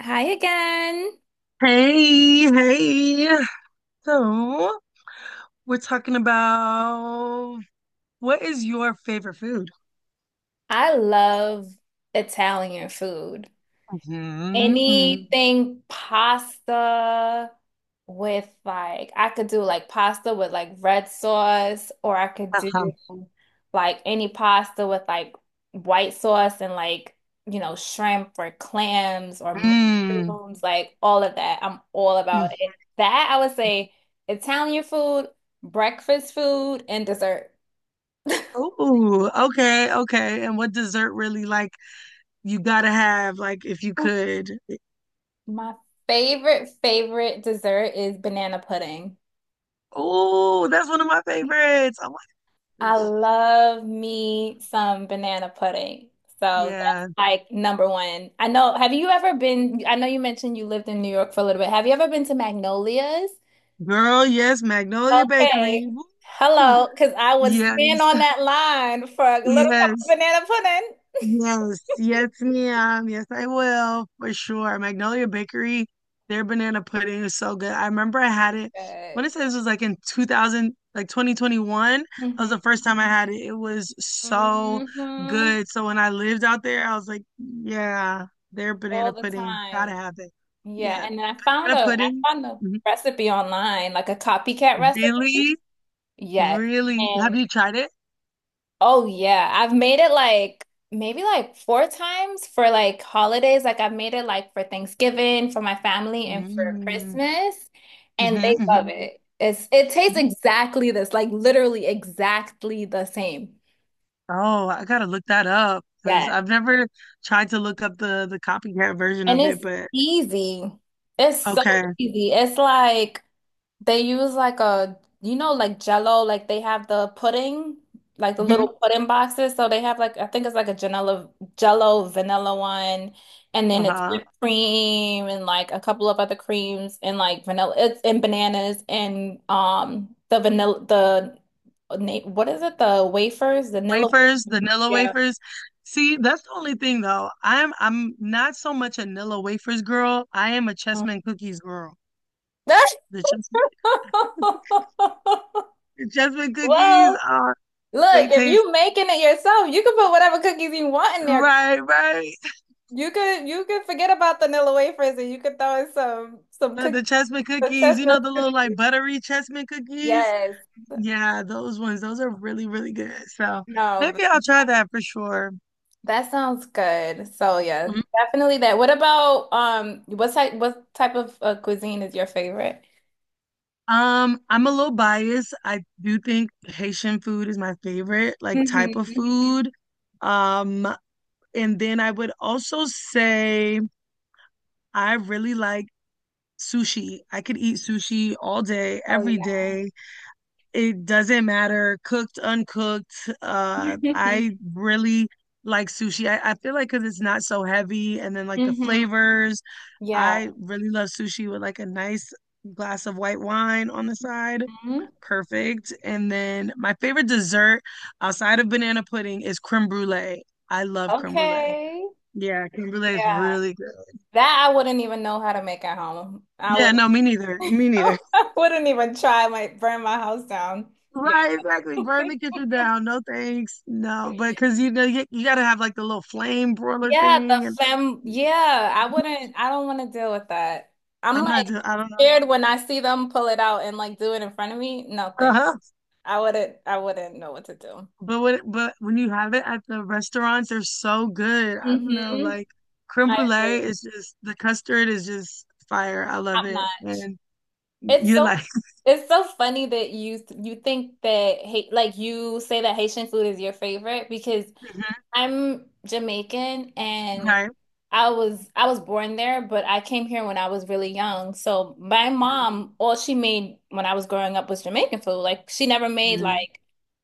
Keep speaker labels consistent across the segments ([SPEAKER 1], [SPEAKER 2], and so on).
[SPEAKER 1] Hi again.
[SPEAKER 2] Hey, hey. So, we're talking about what is your favorite food?
[SPEAKER 1] I love Italian food.
[SPEAKER 2] Mm-hmm, mm,
[SPEAKER 1] Anything pasta with like, I could do like pasta with like red sauce, or I could do
[SPEAKER 2] uh-huh,
[SPEAKER 1] like any pasta with like white sauce and like, shrimp or clams or
[SPEAKER 2] mm,
[SPEAKER 1] mushrooms, like all of that. I'm all
[SPEAKER 2] mm.
[SPEAKER 1] about it. That I would say Italian food, breakfast food, and dessert.
[SPEAKER 2] Oh, okay, okay. And what dessert really like you gotta have, like if you could.
[SPEAKER 1] My favorite, favorite dessert is banana pudding.
[SPEAKER 2] Oh, that's one of my favorites. Oh my
[SPEAKER 1] I
[SPEAKER 2] gosh.
[SPEAKER 1] love me some banana pudding. So that's
[SPEAKER 2] Yeah.
[SPEAKER 1] like number one. I know, have you ever been? I know you mentioned you lived in New York for a little bit. Have you ever been to Magnolia's?
[SPEAKER 2] Girl, yes, Magnolia
[SPEAKER 1] Okay.
[SPEAKER 2] Bakery. Woo.
[SPEAKER 1] Hello, because I would stand
[SPEAKER 2] Yes,
[SPEAKER 1] on that line for a little cup of
[SPEAKER 2] yes.
[SPEAKER 1] banana pudding.
[SPEAKER 2] Yes, yes, ma'am. Yes, I will for sure. Magnolia Bakery, their banana pudding is so good. I remember I had it
[SPEAKER 1] Good.
[SPEAKER 2] when it says it was like in 2000, like 2021. That was
[SPEAKER 1] Mhm.
[SPEAKER 2] the first time I had it. It was so
[SPEAKER 1] Hmm.
[SPEAKER 2] good. So when I lived out there, I was like, yeah, their
[SPEAKER 1] All
[SPEAKER 2] banana
[SPEAKER 1] the
[SPEAKER 2] pudding,
[SPEAKER 1] time.
[SPEAKER 2] gotta have it.
[SPEAKER 1] Yeah,
[SPEAKER 2] Yeah,
[SPEAKER 1] and I found
[SPEAKER 2] banana
[SPEAKER 1] a I
[SPEAKER 2] pudding.
[SPEAKER 1] found a
[SPEAKER 2] Mhm.
[SPEAKER 1] recipe online, like a copycat recipe.
[SPEAKER 2] Really,
[SPEAKER 1] Yes.
[SPEAKER 2] really. Have
[SPEAKER 1] And
[SPEAKER 2] you tried it?
[SPEAKER 1] oh yeah, I've made it like maybe like four times for like holidays. Like I've made it like for Thanksgiving, for my family, and for
[SPEAKER 2] Mm-hmm,
[SPEAKER 1] Christmas, and they love
[SPEAKER 2] hmm.
[SPEAKER 1] it. It tastes exactly this, like literally exactly the same.
[SPEAKER 2] Oh, I gotta look that up because
[SPEAKER 1] Yes.
[SPEAKER 2] I've never tried to look up the copycat version
[SPEAKER 1] And
[SPEAKER 2] of it,
[SPEAKER 1] it's
[SPEAKER 2] but
[SPEAKER 1] easy. It's so
[SPEAKER 2] okay.
[SPEAKER 1] easy. It's like they use like a, like Jello, like they have the pudding, like the little
[SPEAKER 2] Mhm.
[SPEAKER 1] pudding boxes. So they have like, I think it's like a Janella, Jello vanilla one, and then it's
[SPEAKER 2] Uh-huh.
[SPEAKER 1] whipped cream and like a couple of other creams and like vanilla, it's and bananas and the vanilla, the what is it? The wafers, vanilla.
[SPEAKER 2] Wafers, vanilla
[SPEAKER 1] Yeah.
[SPEAKER 2] wafers. See, that's the only thing though. I'm not so much a vanilla wafers girl. I am a chessman cookies girl. The chess the chessman cookies
[SPEAKER 1] Well,
[SPEAKER 2] are they
[SPEAKER 1] look, if
[SPEAKER 2] taste
[SPEAKER 1] you making it yourself, you can put whatever cookies you want in there.
[SPEAKER 2] right, right.
[SPEAKER 1] You could forget about the vanilla wafers and you could throw in some
[SPEAKER 2] The,
[SPEAKER 1] cookies,
[SPEAKER 2] the chessman
[SPEAKER 1] the
[SPEAKER 2] cookies, you know,
[SPEAKER 1] chestnut
[SPEAKER 2] the little like
[SPEAKER 1] cookies.
[SPEAKER 2] buttery chessman cookies.
[SPEAKER 1] Yes.
[SPEAKER 2] Yeah, those ones, those are really, really good. So
[SPEAKER 1] No,
[SPEAKER 2] maybe I'll try that for sure.
[SPEAKER 1] that sounds good. So yeah,
[SPEAKER 2] Mhm.
[SPEAKER 1] definitely that. What about what type of cuisine is your favorite?
[SPEAKER 2] I'm a little biased. I do think Haitian food is my favorite, like type of
[SPEAKER 1] Hmm.
[SPEAKER 2] food. Um, and then I would also say I really like sushi. I could eat sushi all day,
[SPEAKER 1] Oh
[SPEAKER 2] every
[SPEAKER 1] yeah.
[SPEAKER 2] day. It doesn't matter, cooked, uncooked. I really like sushi. I feel like because it's not so heavy, and then like the
[SPEAKER 1] Hmm.
[SPEAKER 2] flavors. I
[SPEAKER 1] Yeah.
[SPEAKER 2] really love sushi with like a nice glass of white wine on the side.
[SPEAKER 1] Hmm.
[SPEAKER 2] Perfect. And then my favorite dessert outside of banana pudding is creme brulee. I love creme brulee.
[SPEAKER 1] Okay.
[SPEAKER 2] Yeah, creme brulee is
[SPEAKER 1] Yeah.
[SPEAKER 2] really good.
[SPEAKER 1] That I wouldn't even know how to make at home. I would
[SPEAKER 2] Yeah, no, me neither. Me neither.
[SPEAKER 1] I wouldn't even try, I might burn my house down. Yeah.
[SPEAKER 2] Right, exactly. Burn the kitchen down. No thanks. No, but because you know you, you gotta have like the little flame broiler
[SPEAKER 1] Yeah,
[SPEAKER 2] thing,
[SPEAKER 1] the
[SPEAKER 2] and
[SPEAKER 1] fem. Yeah, I wouldn't. I don't want to deal with that. I'm
[SPEAKER 2] I'm not
[SPEAKER 1] like
[SPEAKER 2] doing. I don't know.
[SPEAKER 1] scared when I see them pull it out and like do it in front of me. No, thanks.
[SPEAKER 2] Uh-huh.
[SPEAKER 1] I wouldn't. I wouldn't know what to do.
[SPEAKER 2] But when you have it at the restaurants, they're so good. I don't know,
[SPEAKER 1] Hmm.
[SPEAKER 2] like creme
[SPEAKER 1] I
[SPEAKER 2] brulee
[SPEAKER 1] agree.
[SPEAKER 2] is just the custard is just fire. I love
[SPEAKER 1] Top
[SPEAKER 2] it,
[SPEAKER 1] notch.
[SPEAKER 2] and
[SPEAKER 1] It's
[SPEAKER 2] you
[SPEAKER 1] so.
[SPEAKER 2] like
[SPEAKER 1] It's so funny that you think that hate like you say that Haitian food is your favorite because
[SPEAKER 2] mhm,
[SPEAKER 1] I'm Jamaican and
[SPEAKER 2] right.
[SPEAKER 1] I was born there, but I came here when I was really young. So my mom, all she made when I was growing up was Jamaican food. Like she never made
[SPEAKER 2] Mhm,
[SPEAKER 1] like,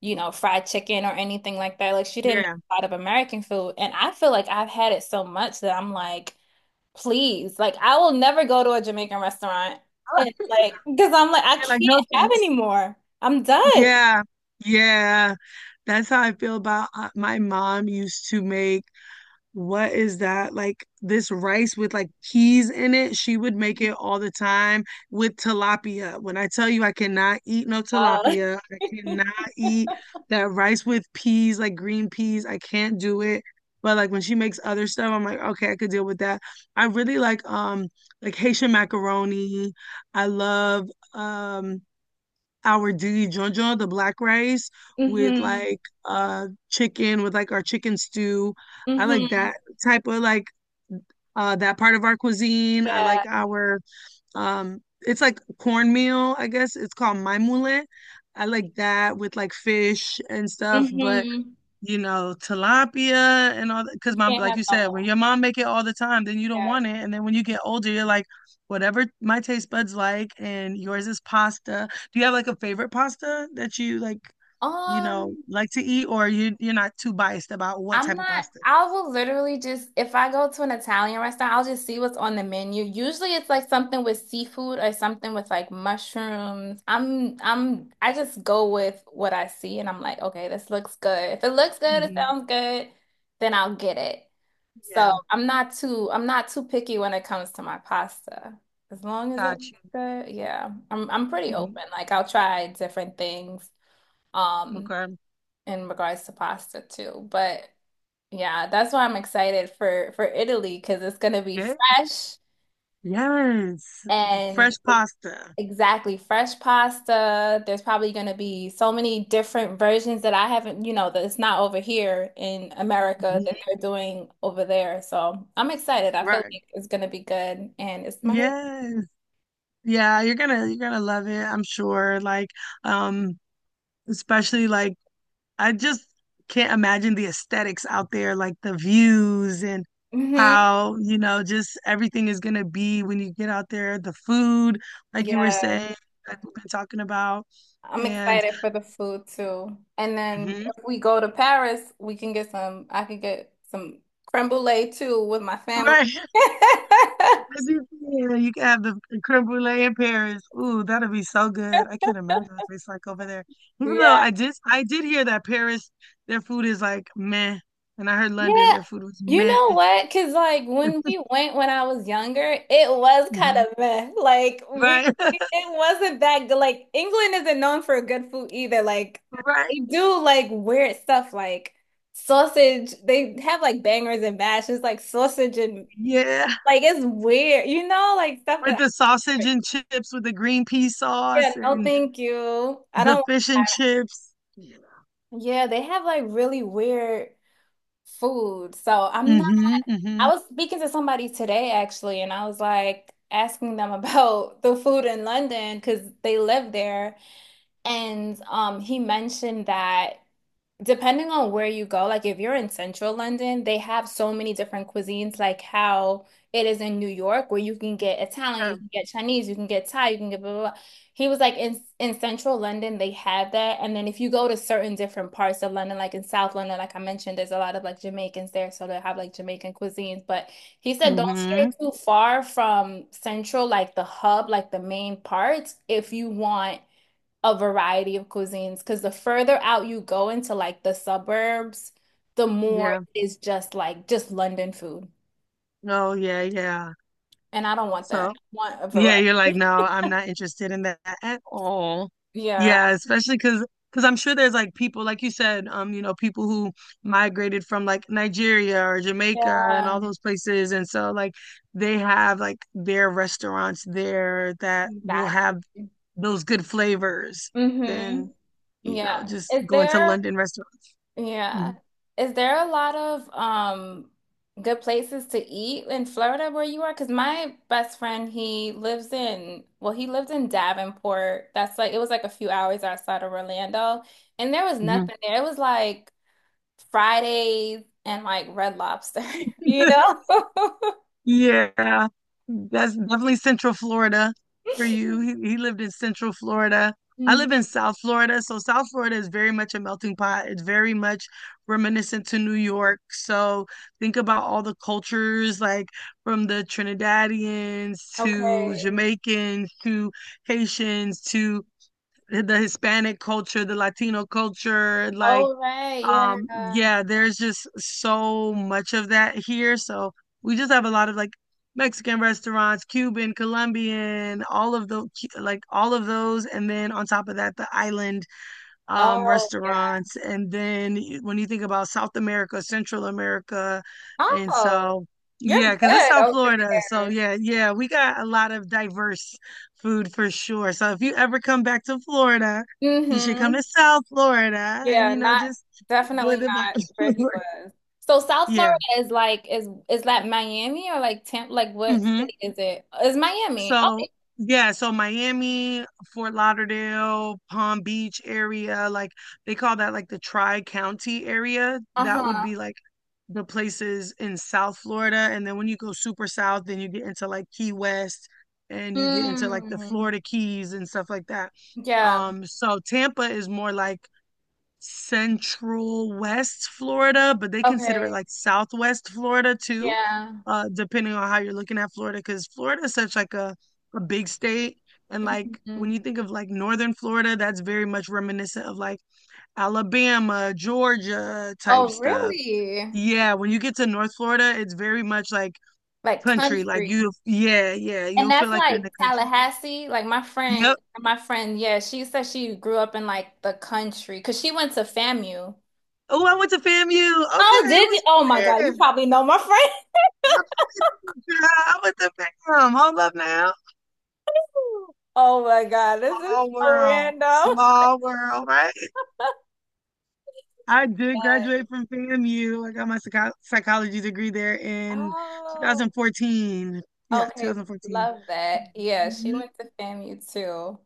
[SPEAKER 1] fried chicken or anything like that. Like she didn't make
[SPEAKER 2] yeah.
[SPEAKER 1] a lot of American food. And I feel like I've had it so much that I'm like, please, like I will never go to a Jamaican restaurant and like because I'm like I
[SPEAKER 2] You're like, no
[SPEAKER 1] can't have
[SPEAKER 2] thanks.
[SPEAKER 1] anymore. I'm done.
[SPEAKER 2] Yeah. Yeah. That's how I feel about my mom used to make what is that? Like this rice with like peas in it. She would make it all the time with tilapia. When I tell you I cannot eat no
[SPEAKER 1] Uh,
[SPEAKER 2] tilapia, I cannot eat that rice with peas, like green peas. I can't do it. But like when she makes other stuff, I'm like, okay, I could deal with that. I really like Haitian macaroni. I love um our diligencia, the black rice with
[SPEAKER 1] mm-hmm.
[SPEAKER 2] like chicken with like our chicken stew. I like
[SPEAKER 1] Mm-hmm.
[SPEAKER 2] that type of like that part of our cuisine. I like
[SPEAKER 1] Yeah.
[SPEAKER 2] our it's like cornmeal, I guess. It's called maimule. I like that with like fish and stuff, but
[SPEAKER 1] Mm-hmm.
[SPEAKER 2] you know, tilapia and all that. Because
[SPEAKER 1] You
[SPEAKER 2] mom,
[SPEAKER 1] can't
[SPEAKER 2] like you
[SPEAKER 1] have no
[SPEAKER 2] said,
[SPEAKER 1] more.
[SPEAKER 2] when your mom make it all the time, then you don't
[SPEAKER 1] Yeah.
[SPEAKER 2] want it. And then when you get older, you're like, whatever my taste buds like, and yours is pasta. Do you have like a favorite pasta that you like, you know,
[SPEAKER 1] Um,
[SPEAKER 2] like to eat, or you're not too biased about what type of pasta it
[SPEAKER 1] I
[SPEAKER 2] is?
[SPEAKER 1] will literally just, if I go to an Italian restaurant, I'll just see what's on the menu. Usually it's like something with seafood or something with like mushrooms. I just go with what I see and I'm like, okay, this looks good. If it looks good, it
[SPEAKER 2] Mm-hmm.
[SPEAKER 1] sounds good, then I'll get it. So
[SPEAKER 2] Yeah,
[SPEAKER 1] I'm not too picky when it comes to my pasta. As long as it looks
[SPEAKER 2] got you.
[SPEAKER 1] good, yeah. I'm pretty open. Like I'll try different things.
[SPEAKER 2] Mhm.
[SPEAKER 1] Um,
[SPEAKER 2] Okay.
[SPEAKER 1] in regards to pasta too. But yeah, that's why I'm excited for Italy because it's gonna be
[SPEAKER 2] Yeah.
[SPEAKER 1] fresh
[SPEAKER 2] Yes.
[SPEAKER 1] and
[SPEAKER 2] Fresh pasta.
[SPEAKER 1] exactly fresh pasta. There's probably gonna be so many different versions that I haven't, that it's not over here in America that
[SPEAKER 2] Mhm.
[SPEAKER 1] they're doing over there. So I'm excited. I feel
[SPEAKER 2] Right.
[SPEAKER 1] like it's gonna be good and it's my favorite.
[SPEAKER 2] Yes. Yeah, you're gonna love it, I'm sure. Like, um, especially like I just can't imagine the aesthetics out there, like the views and
[SPEAKER 1] Hmm.
[SPEAKER 2] how, you know, just everything is gonna be when you get out there, the food, like you were
[SPEAKER 1] Yeah.
[SPEAKER 2] saying, like we've been talking about.
[SPEAKER 1] I'm
[SPEAKER 2] And
[SPEAKER 1] excited for the food too. And then
[SPEAKER 2] hmm
[SPEAKER 1] if we go to Paris, we can get I can get some creme brulee too with my family.
[SPEAKER 2] right, as you said, you can have the creme brulee in Paris. Ooh, that'll be so good. I can't imagine what it's like over there. Even though
[SPEAKER 1] Yeah.
[SPEAKER 2] I did hear that Paris, their food is like meh, and I heard
[SPEAKER 1] Yeah.
[SPEAKER 2] London, their food was
[SPEAKER 1] You
[SPEAKER 2] meh.
[SPEAKER 1] know what? Because, like, when we went when I was younger, it was kind
[SPEAKER 2] Mhm.
[SPEAKER 1] of meh. Like,
[SPEAKER 2] Right,
[SPEAKER 1] it wasn't that good. Like, England isn't known for good food either. Like,
[SPEAKER 2] right.
[SPEAKER 1] they do like weird stuff, like sausage. They have like bangers and mash. It's like sausage and
[SPEAKER 2] Yeah,
[SPEAKER 1] like it's weird, like stuff
[SPEAKER 2] with
[SPEAKER 1] that
[SPEAKER 2] the sausage
[SPEAKER 1] I,
[SPEAKER 2] and chips with the green pea
[SPEAKER 1] yeah,
[SPEAKER 2] sauce
[SPEAKER 1] no,
[SPEAKER 2] and
[SPEAKER 1] thank you. I
[SPEAKER 2] the
[SPEAKER 1] don't.
[SPEAKER 2] fish and chips. Yeah.
[SPEAKER 1] Yeah, they have like really weird food. So I'm not,
[SPEAKER 2] Mhm,
[SPEAKER 1] I
[SPEAKER 2] mhm.
[SPEAKER 1] was speaking to somebody today actually, and I was like asking them about the food in London because they live there. And he mentioned that, depending on where you go, like if you're in central London, they have so many different cuisines, like how it is in New York, where you can get Italian, you
[SPEAKER 2] Yeah.
[SPEAKER 1] can get Chinese, you can get Thai, you can get blah, blah, blah. He was like in central London, they have that. And then if you go to certain different parts of London, like in South London, like I mentioned, there's a lot of like Jamaicans there, so they have like Jamaican cuisines. But he said don't stray
[SPEAKER 2] Mhm.
[SPEAKER 1] too far from central, like the hub, like the main parts, if you want a variety of cuisines because the further out you go into like the suburbs, the more
[SPEAKER 2] Yeah.
[SPEAKER 1] it is just like just London food.
[SPEAKER 2] Oh, yeah, yeah.
[SPEAKER 1] And I don't want that.
[SPEAKER 2] So,
[SPEAKER 1] I want a
[SPEAKER 2] yeah,
[SPEAKER 1] variety.
[SPEAKER 2] you're like, no, I'm not interested in that at all.
[SPEAKER 1] Yeah.
[SPEAKER 2] Yeah, especially because I'm sure there's like people, like you said, you know, people who migrated from like Nigeria or Jamaica and all
[SPEAKER 1] Yeah.
[SPEAKER 2] those places, and so like they have like their restaurants there that will
[SPEAKER 1] Exactly.
[SPEAKER 2] have those good flavors than,
[SPEAKER 1] Mm-hmm.
[SPEAKER 2] you know,
[SPEAKER 1] Yeah.
[SPEAKER 2] just
[SPEAKER 1] Is
[SPEAKER 2] going to
[SPEAKER 1] there
[SPEAKER 2] London restaurants.
[SPEAKER 1] yeah,
[SPEAKER 2] Mhm.
[SPEAKER 1] is there a lot of good places to eat in Florida where you are? Because my best friend, well, he lived in Davenport. That's like it was like a few hours outside of Orlando, and there was
[SPEAKER 2] Mhm.
[SPEAKER 1] nothing there. It was like Fridays and like Red Lobster, you know?
[SPEAKER 2] Yeah, that's definitely Central Florida for you. He, he lived in Central Florida. I
[SPEAKER 1] Mhm.
[SPEAKER 2] live in South Florida, so South Florida is very much a melting pot. It's very much reminiscent to New York. So think about all the cultures, like from the Trinidadians to
[SPEAKER 1] Okay.
[SPEAKER 2] Jamaicans to Haitians to the Hispanic culture, the Latino culture, like
[SPEAKER 1] Oh, right. Yeah.
[SPEAKER 2] yeah, there's just so much of that here. So we just have a lot of like Mexican restaurants, Cuban, Colombian, all of the like all of those and then on top of that the island
[SPEAKER 1] Oh, yeah.
[SPEAKER 2] restaurants. And then when you think about South America, Central America, and
[SPEAKER 1] Oh,
[SPEAKER 2] so
[SPEAKER 1] you're
[SPEAKER 2] yeah, because it's
[SPEAKER 1] good
[SPEAKER 2] South
[SPEAKER 1] over
[SPEAKER 2] Florida. So yeah, yeah, we got a lot of diverse food for sure. So if you ever come back to Florida, you should come
[SPEAKER 1] there.
[SPEAKER 2] to South Florida and
[SPEAKER 1] Yeah,
[SPEAKER 2] you know
[SPEAKER 1] not
[SPEAKER 2] just enjoy
[SPEAKER 1] definitely
[SPEAKER 2] the
[SPEAKER 1] not where
[SPEAKER 2] vibe.
[SPEAKER 1] he was. So South Florida
[SPEAKER 2] Yeah.
[SPEAKER 1] is like is that Miami or like Tampa? Like what
[SPEAKER 2] Hmm.
[SPEAKER 1] city is it's Miami.
[SPEAKER 2] So,
[SPEAKER 1] Okay.
[SPEAKER 2] yeah, so Miami, Fort Lauderdale, Palm Beach area, like they call that like the tri-county area. That would
[SPEAKER 1] Uh-huh.
[SPEAKER 2] be like the places in South Florida. And then when you go super south, then you get into like Key West and you get into like the
[SPEAKER 1] Hmm.
[SPEAKER 2] Florida Keys and stuff like that.
[SPEAKER 1] Yeah.
[SPEAKER 2] So Tampa is more like Central West Florida, but they consider it
[SPEAKER 1] Okay.
[SPEAKER 2] like Southwest Florida too,
[SPEAKER 1] Yeah.
[SPEAKER 2] depending on how you're looking at Florida, because Florida is such like a big state. And like
[SPEAKER 1] Hmm.
[SPEAKER 2] when you think of like Northern Florida, that's very much reminiscent of like Alabama, Georgia type
[SPEAKER 1] Oh,
[SPEAKER 2] stuff.
[SPEAKER 1] really?
[SPEAKER 2] Yeah, when you get to North Florida, it's very much like
[SPEAKER 1] Like
[SPEAKER 2] country. Like you,
[SPEAKER 1] country.
[SPEAKER 2] yeah, yeah,
[SPEAKER 1] And
[SPEAKER 2] you'll feel
[SPEAKER 1] that's
[SPEAKER 2] like you're in
[SPEAKER 1] like
[SPEAKER 2] the country.
[SPEAKER 1] Tallahassee. Like
[SPEAKER 2] Yep.
[SPEAKER 1] my friend, yeah, she said she grew up in like the country because she went to FAMU.
[SPEAKER 2] Oh, I went to FAMU. Okay,
[SPEAKER 1] Oh, did you?
[SPEAKER 2] who's
[SPEAKER 1] Oh my God, you
[SPEAKER 2] there?
[SPEAKER 1] probably know my friend.
[SPEAKER 2] Girl, with the fam. Hold up now.
[SPEAKER 1] Oh my God, this is
[SPEAKER 2] Small
[SPEAKER 1] so
[SPEAKER 2] world.
[SPEAKER 1] random.
[SPEAKER 2] Small world, right? I did
[SPEAKER 1] Yes.
[SPEAKER 2] graduate from FAMU. I got my psychology degree there in
[SPEAKER 1] Oh,
[SPEAKER 2] 2014. Yeah,
[SPEAKER 1] okay.
[SPEAKER 2] 2014.
[SPEAKER 1] Love that. Yeah, she
[SPEAKER 2] Mhm.
[SPEAKER 1] went to FAMU too.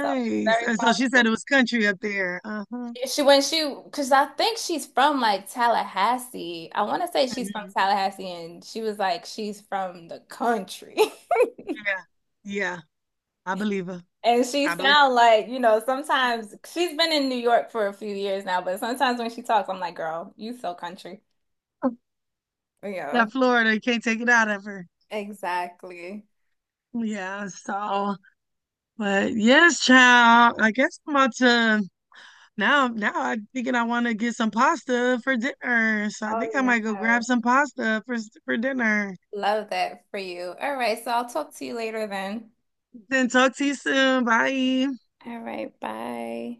[SPEAKER 1] So it's very
[SPEAKER 2] And so she said
[SPEAKER 1] possible.
[SPEAKER 2] it was country up there. Uh-huh.
[SPEAKER 1] Yeah, she when she because I think she's from like Tallahassee. I want to say she's from
[SPEAKER 2] Mhm.
[SPEAKER 1] Tallahassee and she was like she's from the country.
[SPEAKER 2] Yeah. Yeah. I believe her.
[SPEAKER 1] And she
[SPEAKER 2] I believe
[SPEAKER 1] sound like, sometimes she's been in New York for a few years now, but sometimes when she talks, I'm like, girl, you so country.
[SPEAKER 2] her.
[SPEAKER 1] Yeah,
[SPEAKER 2] That Florida, you can't take it out of her.
[SPEAKER 1] exactly.
[SPEAKER 2] Yeah, so, but yes, child. I guess I'm about to now, I'm thinking I want to get some pasta for dinner. So I
[SPEAKER 1] Oh,
[SPEAKER 2] think I
[SPEAKER 1] yeah.
[SPEAKER 2] might go grab some pasta for dinner.
[SPEAKER 1] Love that for you. All right, so I'll talk to you later then.
[SPEAKER 2] Then talk to you soon. Bye.
[SPEAKER 1] All right, bye.